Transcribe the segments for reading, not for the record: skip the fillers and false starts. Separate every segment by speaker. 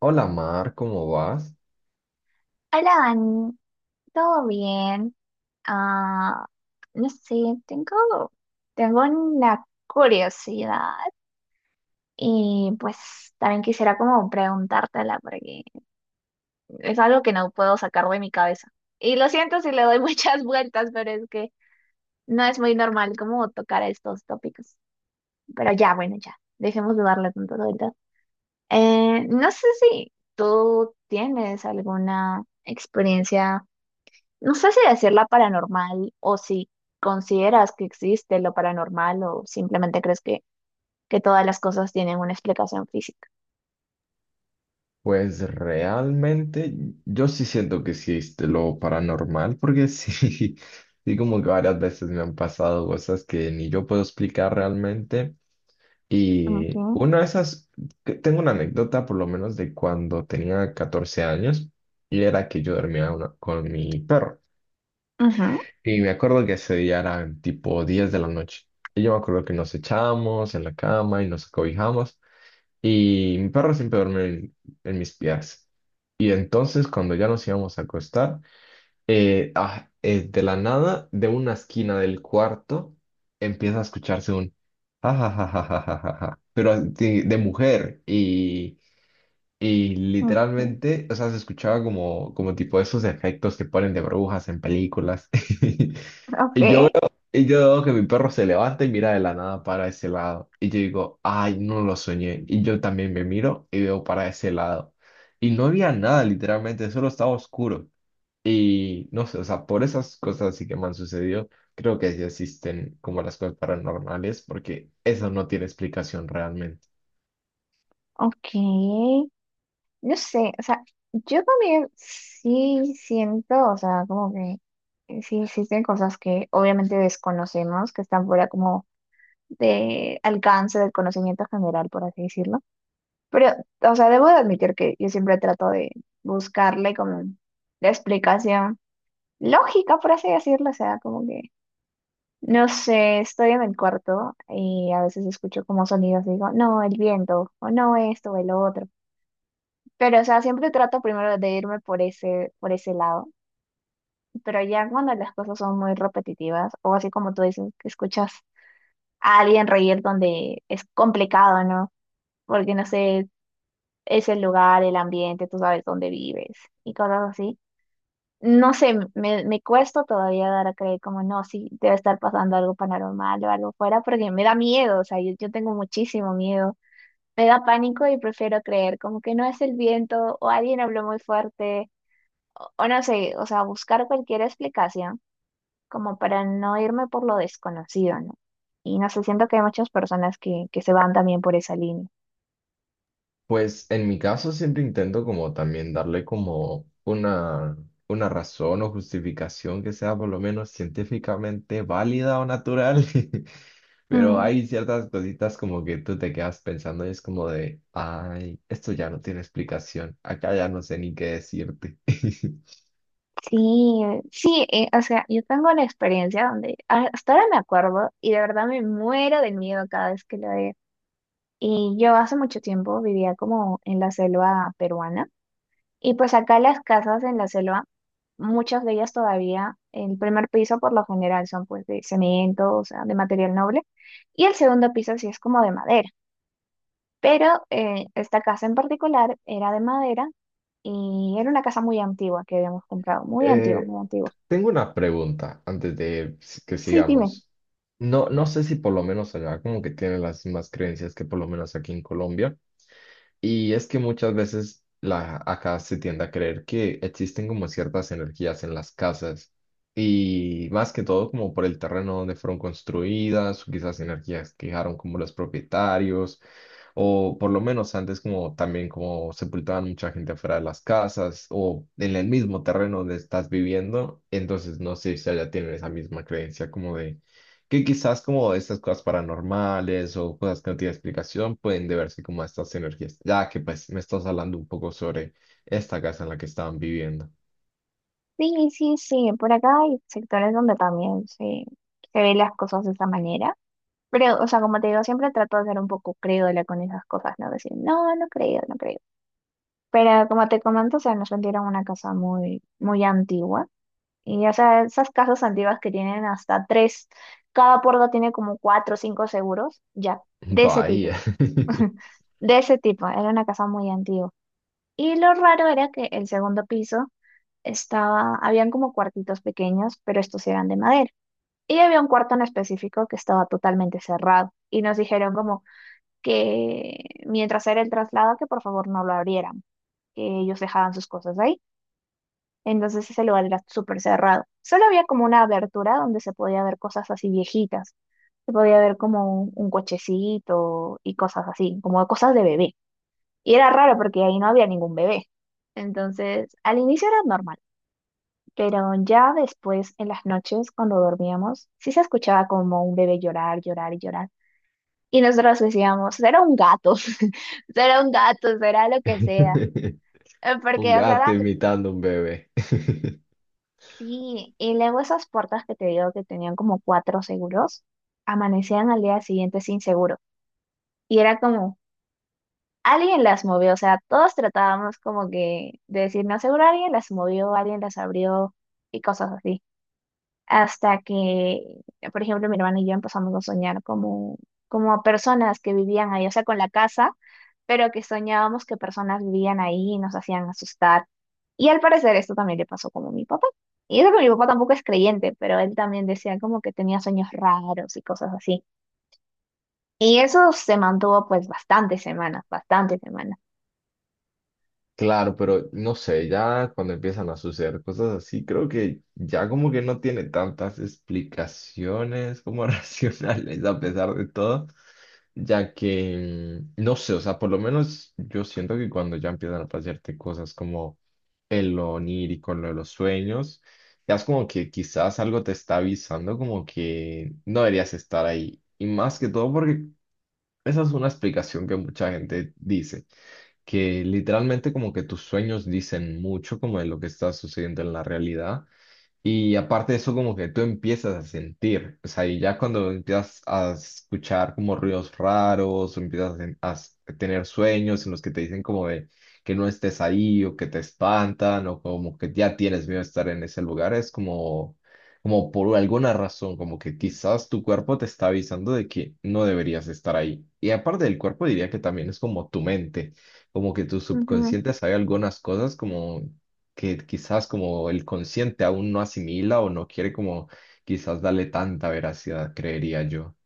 Speaker 1: Hola Mar, ¿cómo vas?
Speaker 2: Hola, Dani, ¿todo bien? Ah, no sé, tengo, tengo una curiosidad y pues también quisiera como preguntártela porque es algo que no puedo sacar de mi cabeza. Y lo siento si le doy muchas vueltas, pero es que no es muy normal como tocar estos tópicos. Pero ya, bueno, ya, dejemos de darle tantas vueltas. No sé si tú tienes alguna experiencia. No sé si decirla paranormal o si consideras que existe lo paranormal o simplemente crees que todas las cosas tienen una explicación física.
Speaker 1: Pues realmente yo sí siento que existe lo paranormal, porque sí, sí como que varias veces me han pasado cosas que ni yo puedo explicar realmente. Y
Speaker 2: Ok.
Speaker 1: una de esas, que tengo una anécdota por lo menos de cuando tenía 14 años y era que yo dormía con mi perro.
Speaker 2: Ujú.
Speaker 1: Y me acuerdo que ese día eran tipo 10 de la noche. Y yo me acuerdo que nos echamos en la cama y nos acobijamos. Y mi perro siempre duerme en mis piernas. Y entonces cuando ya nos íbamos a acostar, de la nada, de una esquina del cuarto, empieza a escucharse un ja, ja, ja, ja, ja, ja, ja, ja", pero así de, mujer. Y
Speaker 2: Ok,
Speaker 1: literalmente, o sea, se escuchaba como tipo esos efectos que ponen de burbujas en películas.
Speaker 2: ok,
Speaker 1: Y yo veo que mi perro se levanta y mira de la nada para ese lado. Y yo digo, ay, no lo soñé. Y yo también me miro y veo para ese lado. Y no había nada, literalmente, solo estaba oscuro. Y no sé, o sea, por esas cosas así que me han sucedido, creo que sí existen como las cosas paranormales, porque eso no tiene explicación realmente.
Speaker 2: ok. No sé, o sea, yo también sí siento, o sea, como que sí existen cosas que obviamente desconocemos, que están fuera como de alcance del conocimiento general, por así decirlo. Pero, o sea, debo de admitir que yo siempre trato de buscarle como la explicación lógica, por así decirlo. O sea, como que, no sé, estoy en el cuarto y a veces escucho como sonidos y digo, no, el viento, o no esto, o el otro. Pero, o sea, siempre trato primero de irme por por ese lado. Pero ya cuando las cosas son muy repetitivas, o así como tú dices, que escuchas a alguien reír donde es complicado, ¿no? Porque, no sé, es el lugar, el ambiente, tú sabes dónde vives y cosas así. No sé, me cuesta todavía dar a creer como no, sí, debe estar pasando algo paranormal o algo fuera, porque me da miedo, o sea, yo tengo muchísimo miedo. Me da pánico y prefiero creer como que no es el viento o alguien habló muy fuerte o no sé, o sea, buscar cualquier explicación como para no irme por lo desconocido, ¿no? Y no sé, siento que hay muchas personas que se van también por esa línea.
Speaker 1: Pues en mi caso siempre intento como también darle como una razón o justificación que sea por lo menos científicamente válida o natural, pero hay ciertas cositas como que tú te quedas pensando y es como de, ay, esto ya no tiene explicación, acá ya no sé ni qué decirte.
Speaker 2: Sí, sí, o sea, yo tengo la experiencia donde hasta ahora me acuerdo y de verdad me muero del miedo cada vez que lo veo. Y yo hace mucho tiempo vivía como en la selva peruana y pues acá las casas en la selva, muchas de ellas todavía, el primer piso por lo general son pues de cemento, o sea, de material noble y el segundo piso sí es como de madera. Pero esta casa en particular era de madera y era una casa muy antigua que habíamos comprado, muy antigua,
Speaker 1: Eh,
Speaker 2: muy antigua.
Speaker 1: tengo una pregunta antes de que
Speaker 2: Sí, dime.
Speaker 1: sigamos. No, no sé si por lo menos allá como que tienen las mismas creencias que por lo menos aquí en Colombia. Y es que muchas veces acá se tiende a creer que existen como ciertas energías en las casas y más que todo como por el terreno donde fueron construidas, o quizás energías que dejaron como los propietarios o por lo menos antes como también como sepultaban mucha gente afuera de las casas o en el mismo terreno donde estás viviendo. Entonces no sé si allá tienen esa misma creencia como de que quizás como estas cosas paranormales o cosas que no tienen explicación pueden deberse como a estas energías, ya que pues me estás hablando un poco sobre esta casa en la que estaban viviendo.
Speaker 2: Sí, sí, sí, por acá hay sectores donde también se ven las cosas de esa manera, pero, o sea, como te digo, siempre trato de ser un poco crédula con esas cosas, ¿no? Decir, no, no creo, no creo. Pero como te comento, o sea, nos vendieron una casa muy, muy antigua, y o sea, esas casas antiguas que tienen hasta tres, cada puerta tiene como cuatro o cinco seguros, ya, de ese tipo,
Speaker 1: Bahía.
Speaker 2: de ese tipo, era una casa muy antigua. Y lo raro era que el segundo piso estaba, habían como cuartitos pequeños, pero estos eran de madera. Y había un cuarto en específico que estaba totalmente cerrado y nos dijeron como que mientras era el traslado que por favor no lo abrieran, que ellos dejaban sus cosas ahí. Entonces ese lugar era súper cerrado. Solo había como una abertura donde se podía ver cosas así viejitas. Se podía ver como un cochecito y cosas así, como cosas de bebé. Y era raro porque ahí no había ningún bebé. Entonces, al inicio era normal. Pero ya después, en las noches, cuando dormíamos, sí se escuchaba como un bebé llorar, llorar y llorar. Y nosotros decíamos, será un gato, será un gato, será lo que sea.
Speaker 1: Un
Speaker 2: Porque, o sea,
Speaker 1: gato imitando un bebé.
Speaker 2: sí. Y luego esas puertas que te digo que tenían como cuatro seguros, amanecían al día siguiente sin seguro. Y era como, alguien las movió, o sea, todos tratábamos como que de decir, no, seguro alguien las movió, alguien las abrió y cosas así. Hasta que, por ejemplo, mi hermana y yo empezamos a soñar como, como a personas que vivían ahí, o sea, con la casa, pero que soñábamos que personas vivían ahí y nos hacían asustar. Y al parecer esto también le pasó como a mi papá. Y eso que mi papá tampoco es creyente, pero él también decía como que tenía sueños raros y cosas así. Y eso se mantuvo pues bastantes semanas, bastantes semanas.
Speaker 1: Claro, pero no sé, ya cuando empiezan a suceder cosas así, creo que ya como que no tiene tantas explicaciones como racionales a pesar de todo, ya que, no sé, o sea, por lo menos yo siento que cuando ya empiezan a pasarte cosas como el lo onírico, lo de los sueños, ya es como que quizás algo te está avisando como que no deberías estar ahí. Y más que todo porque esa es una explicación que mucha gente dice que literalmente como que tus sueños dicen mucho como de lo que está sucediendo en la realidad. Y aparte de eso, como que tú empiezas a sentir, o sea, y ya cuando empiezas a escuchar como ruidos raros, o empiezas a, tener sueños en los que te dicen como de que no estés ahí, o que te espantan, o como que ya tienes miedo de estar en ese lugar, es como, como por alguna razón, como que quizás tu cuerpo te está avisando de que no deberías estar ahí. Y aparte del cuerpo, diría que también es como tu mente, como que tu
Speaker 2: Ujú.
Speaker 1: subconsciente sabe algunas cosas como que quizás como el consciente aún no asimila o no quiere como quizás darle tanta veracidad, creería yo.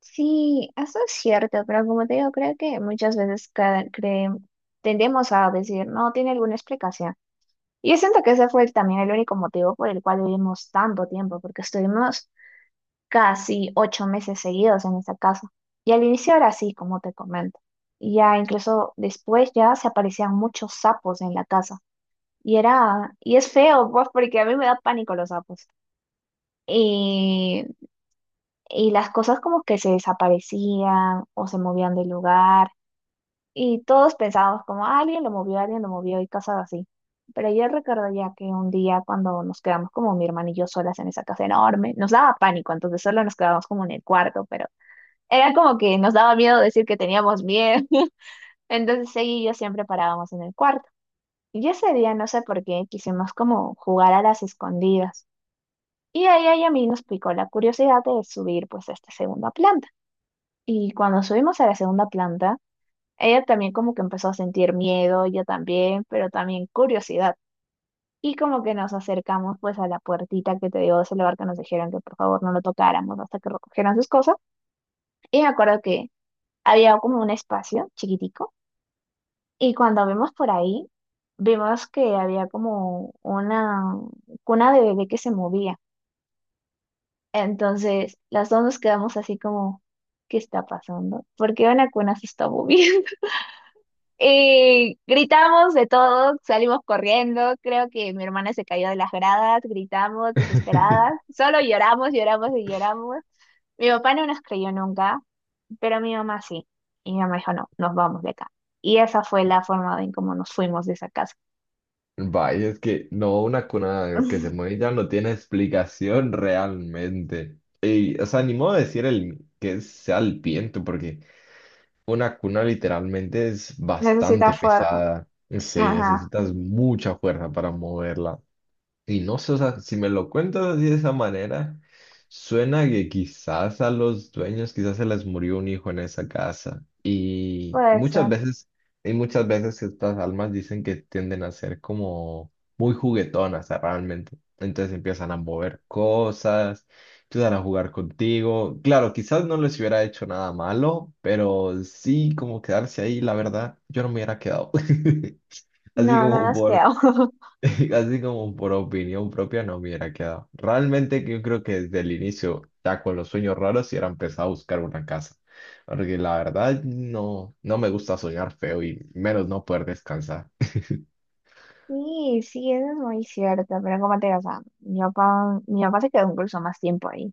Speaker 2: Sí, eso es cierto, pero como te digo, creo que muchas veces tendemos a decir, no, tiene alguna explicación. Y yo siento que ese fue también el único motivo por el cual vivimos tanto tiempo, porque estuvimos casi 8 meses seguidos en esa casa. Y al inicio era así, como te comento. Y ya incluso después ya se aparecían muchos sapos en la casa. Y era, y es feo, pues, porque a mí me da pánico los sapos. Y, y las cosas como que se desaparecían o se movían del lugar. Y todos pensábamos como, "Ah, alguien lo movió y cosas así". Pero yo recuerdo ya que un día cuando nos quedamos como mi hermano y yo solas en esa casa enorme, nos daba pánico, entonces solo nos quedábamos como en el cuarto, pero era como que nos daba miedo decir que teníamos miedo. Entonces ella y yo siempre parábamos en el cuarto. Y ese día no sé por qué quisimos como jugar a las escondidas. Y a ella y a mí nos picó la curiosidad de subir pues a esta segunda planta. Y cuando subimos a la segunda planta, ella también como que empezó a sentir miedo, yo también, pero también curiosidad. Y como que nos acercamos pues a la puertita que te digo de ese lugar que nos dijeron que por favor no lo tocáramos hasta que recogieran sus cosas. Y me acuerdo que había como un espacio chiquitico y cuando vimos por ahí, vimos que había como una cuna de bebé que se movía. Entonces las dos nos quedamos así como, ¿qué está pasando? ¿Por qué una cuna se está moviendo? Y gritamos de todo, salimos corriendo, creo que mi hermana se cayó de las gradas, gritamos desesperadas, solo lloramos, lloramos y lloramos. Mi papá no nos creyó nunca, pero mi mamá sí. Y mi mamá dijo, no, nos vamos de acá. Y esa fue la forma en cómo nos fuimos de esa casa.
Speaker 1: Vaya, es que no, una cuna que se mueve ya no tiene explicación realmente. Y, o sea, ni modo de decir el, que sea el viento, porque una cuna literalmente es
Speaker 2: Necesita
Speaker 1: bastante
Speaker 2: fuerte.
Speaker 1: pesada. Sí,
Speaker 2: Ajá,
Speaker 1: necesitas mucha fuerza para moverla. Y no sé, o sea, si me lo cuentas así de esa manera, suena que quizás a los dueños, quizás se les murió un hijo en esa casa. Y
Speaker 2: puede
Speaker 1: muchas
Speaker 2: ser.
Speaker 1: veces, estas almas dicen que tienden a ser como muy juguetonas, ah, realmente. Entonces empiezan a mover cosas, empiezan a jugar contigo. Claro, quizás no les hubiera hecho nada malo, pero sí como quedarse ahí, la verdad, yo no me hubiera quedado. Así
Speaker 2: No, no
Speaker 1: como
Speaker 2: nos
Speaker 1: por
Speaker 2: quedamos.
Speaker 1: Así como por opinión propia no me hubiera quedado. Realmente que yo creo que desde el inicio, ya con los sueños raros, hubiera empezado a buscar una casa, porque la verdad no, no me gusta soñar feo y menos no poder descansar.
Speaker 2: Sí, sí, eso es muy cierto, pero como te digo, o sea, mi papá se quedó incluso más tiempo ahí.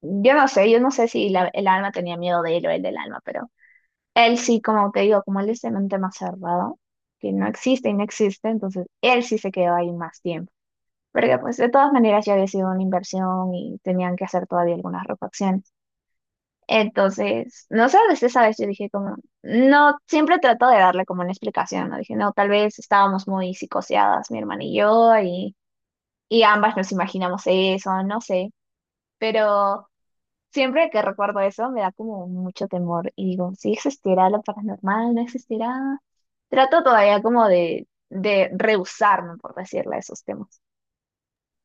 Speaker 2: Yo no sé si el alma tenía miedo de él o él del alma, pero él sí, como te digo, como él es de mente más cerrado, que no existe y no existe, entonces él sí se quedó ahí más tiempo. Porque pues de todas maneras ya había sido una inversión y tenían que hacer todavía algunas refacciones. Entonces, no sé, desde esa vez yo dije como, no, siempre trato de darle como una explicación, ¿no? Dije, no, tal vez estábamos muy psicoseadas, mi hermana y yo, y ambas nos imaginamos eso, no sé, pero... Siempre que recuerdo eso me da como mucho temor y digo, si existirá lo paranormal, no existirá. Trato todavía como de rehusarme, por decirle, a esos temas.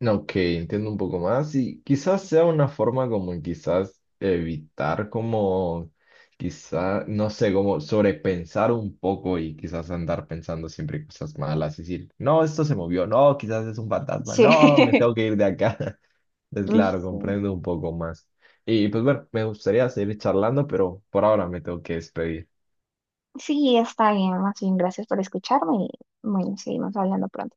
Speaker 1: Ok, entiendo un poco más y quizás sea una forma como en quizás evitar como quizás, no sé, como sobrepensar un poco y quizás andar pensando siempre cosas malas y decir, no, esto se movió, no, quizás es un fantasma,
Speaker 2: Sí.
Speaker 1: no, me tengo que ir de acá. Es claro,
Speaker 2: Sí.
Speaker 1: comprendo un poco más. Y pues bueno, me gustaría seguir charlando, pero por ahora me tengo que despedir.
Speaker 2: Sí, está bien, más bien, gracias por escucharme y bueno, seguimos hablando pronto.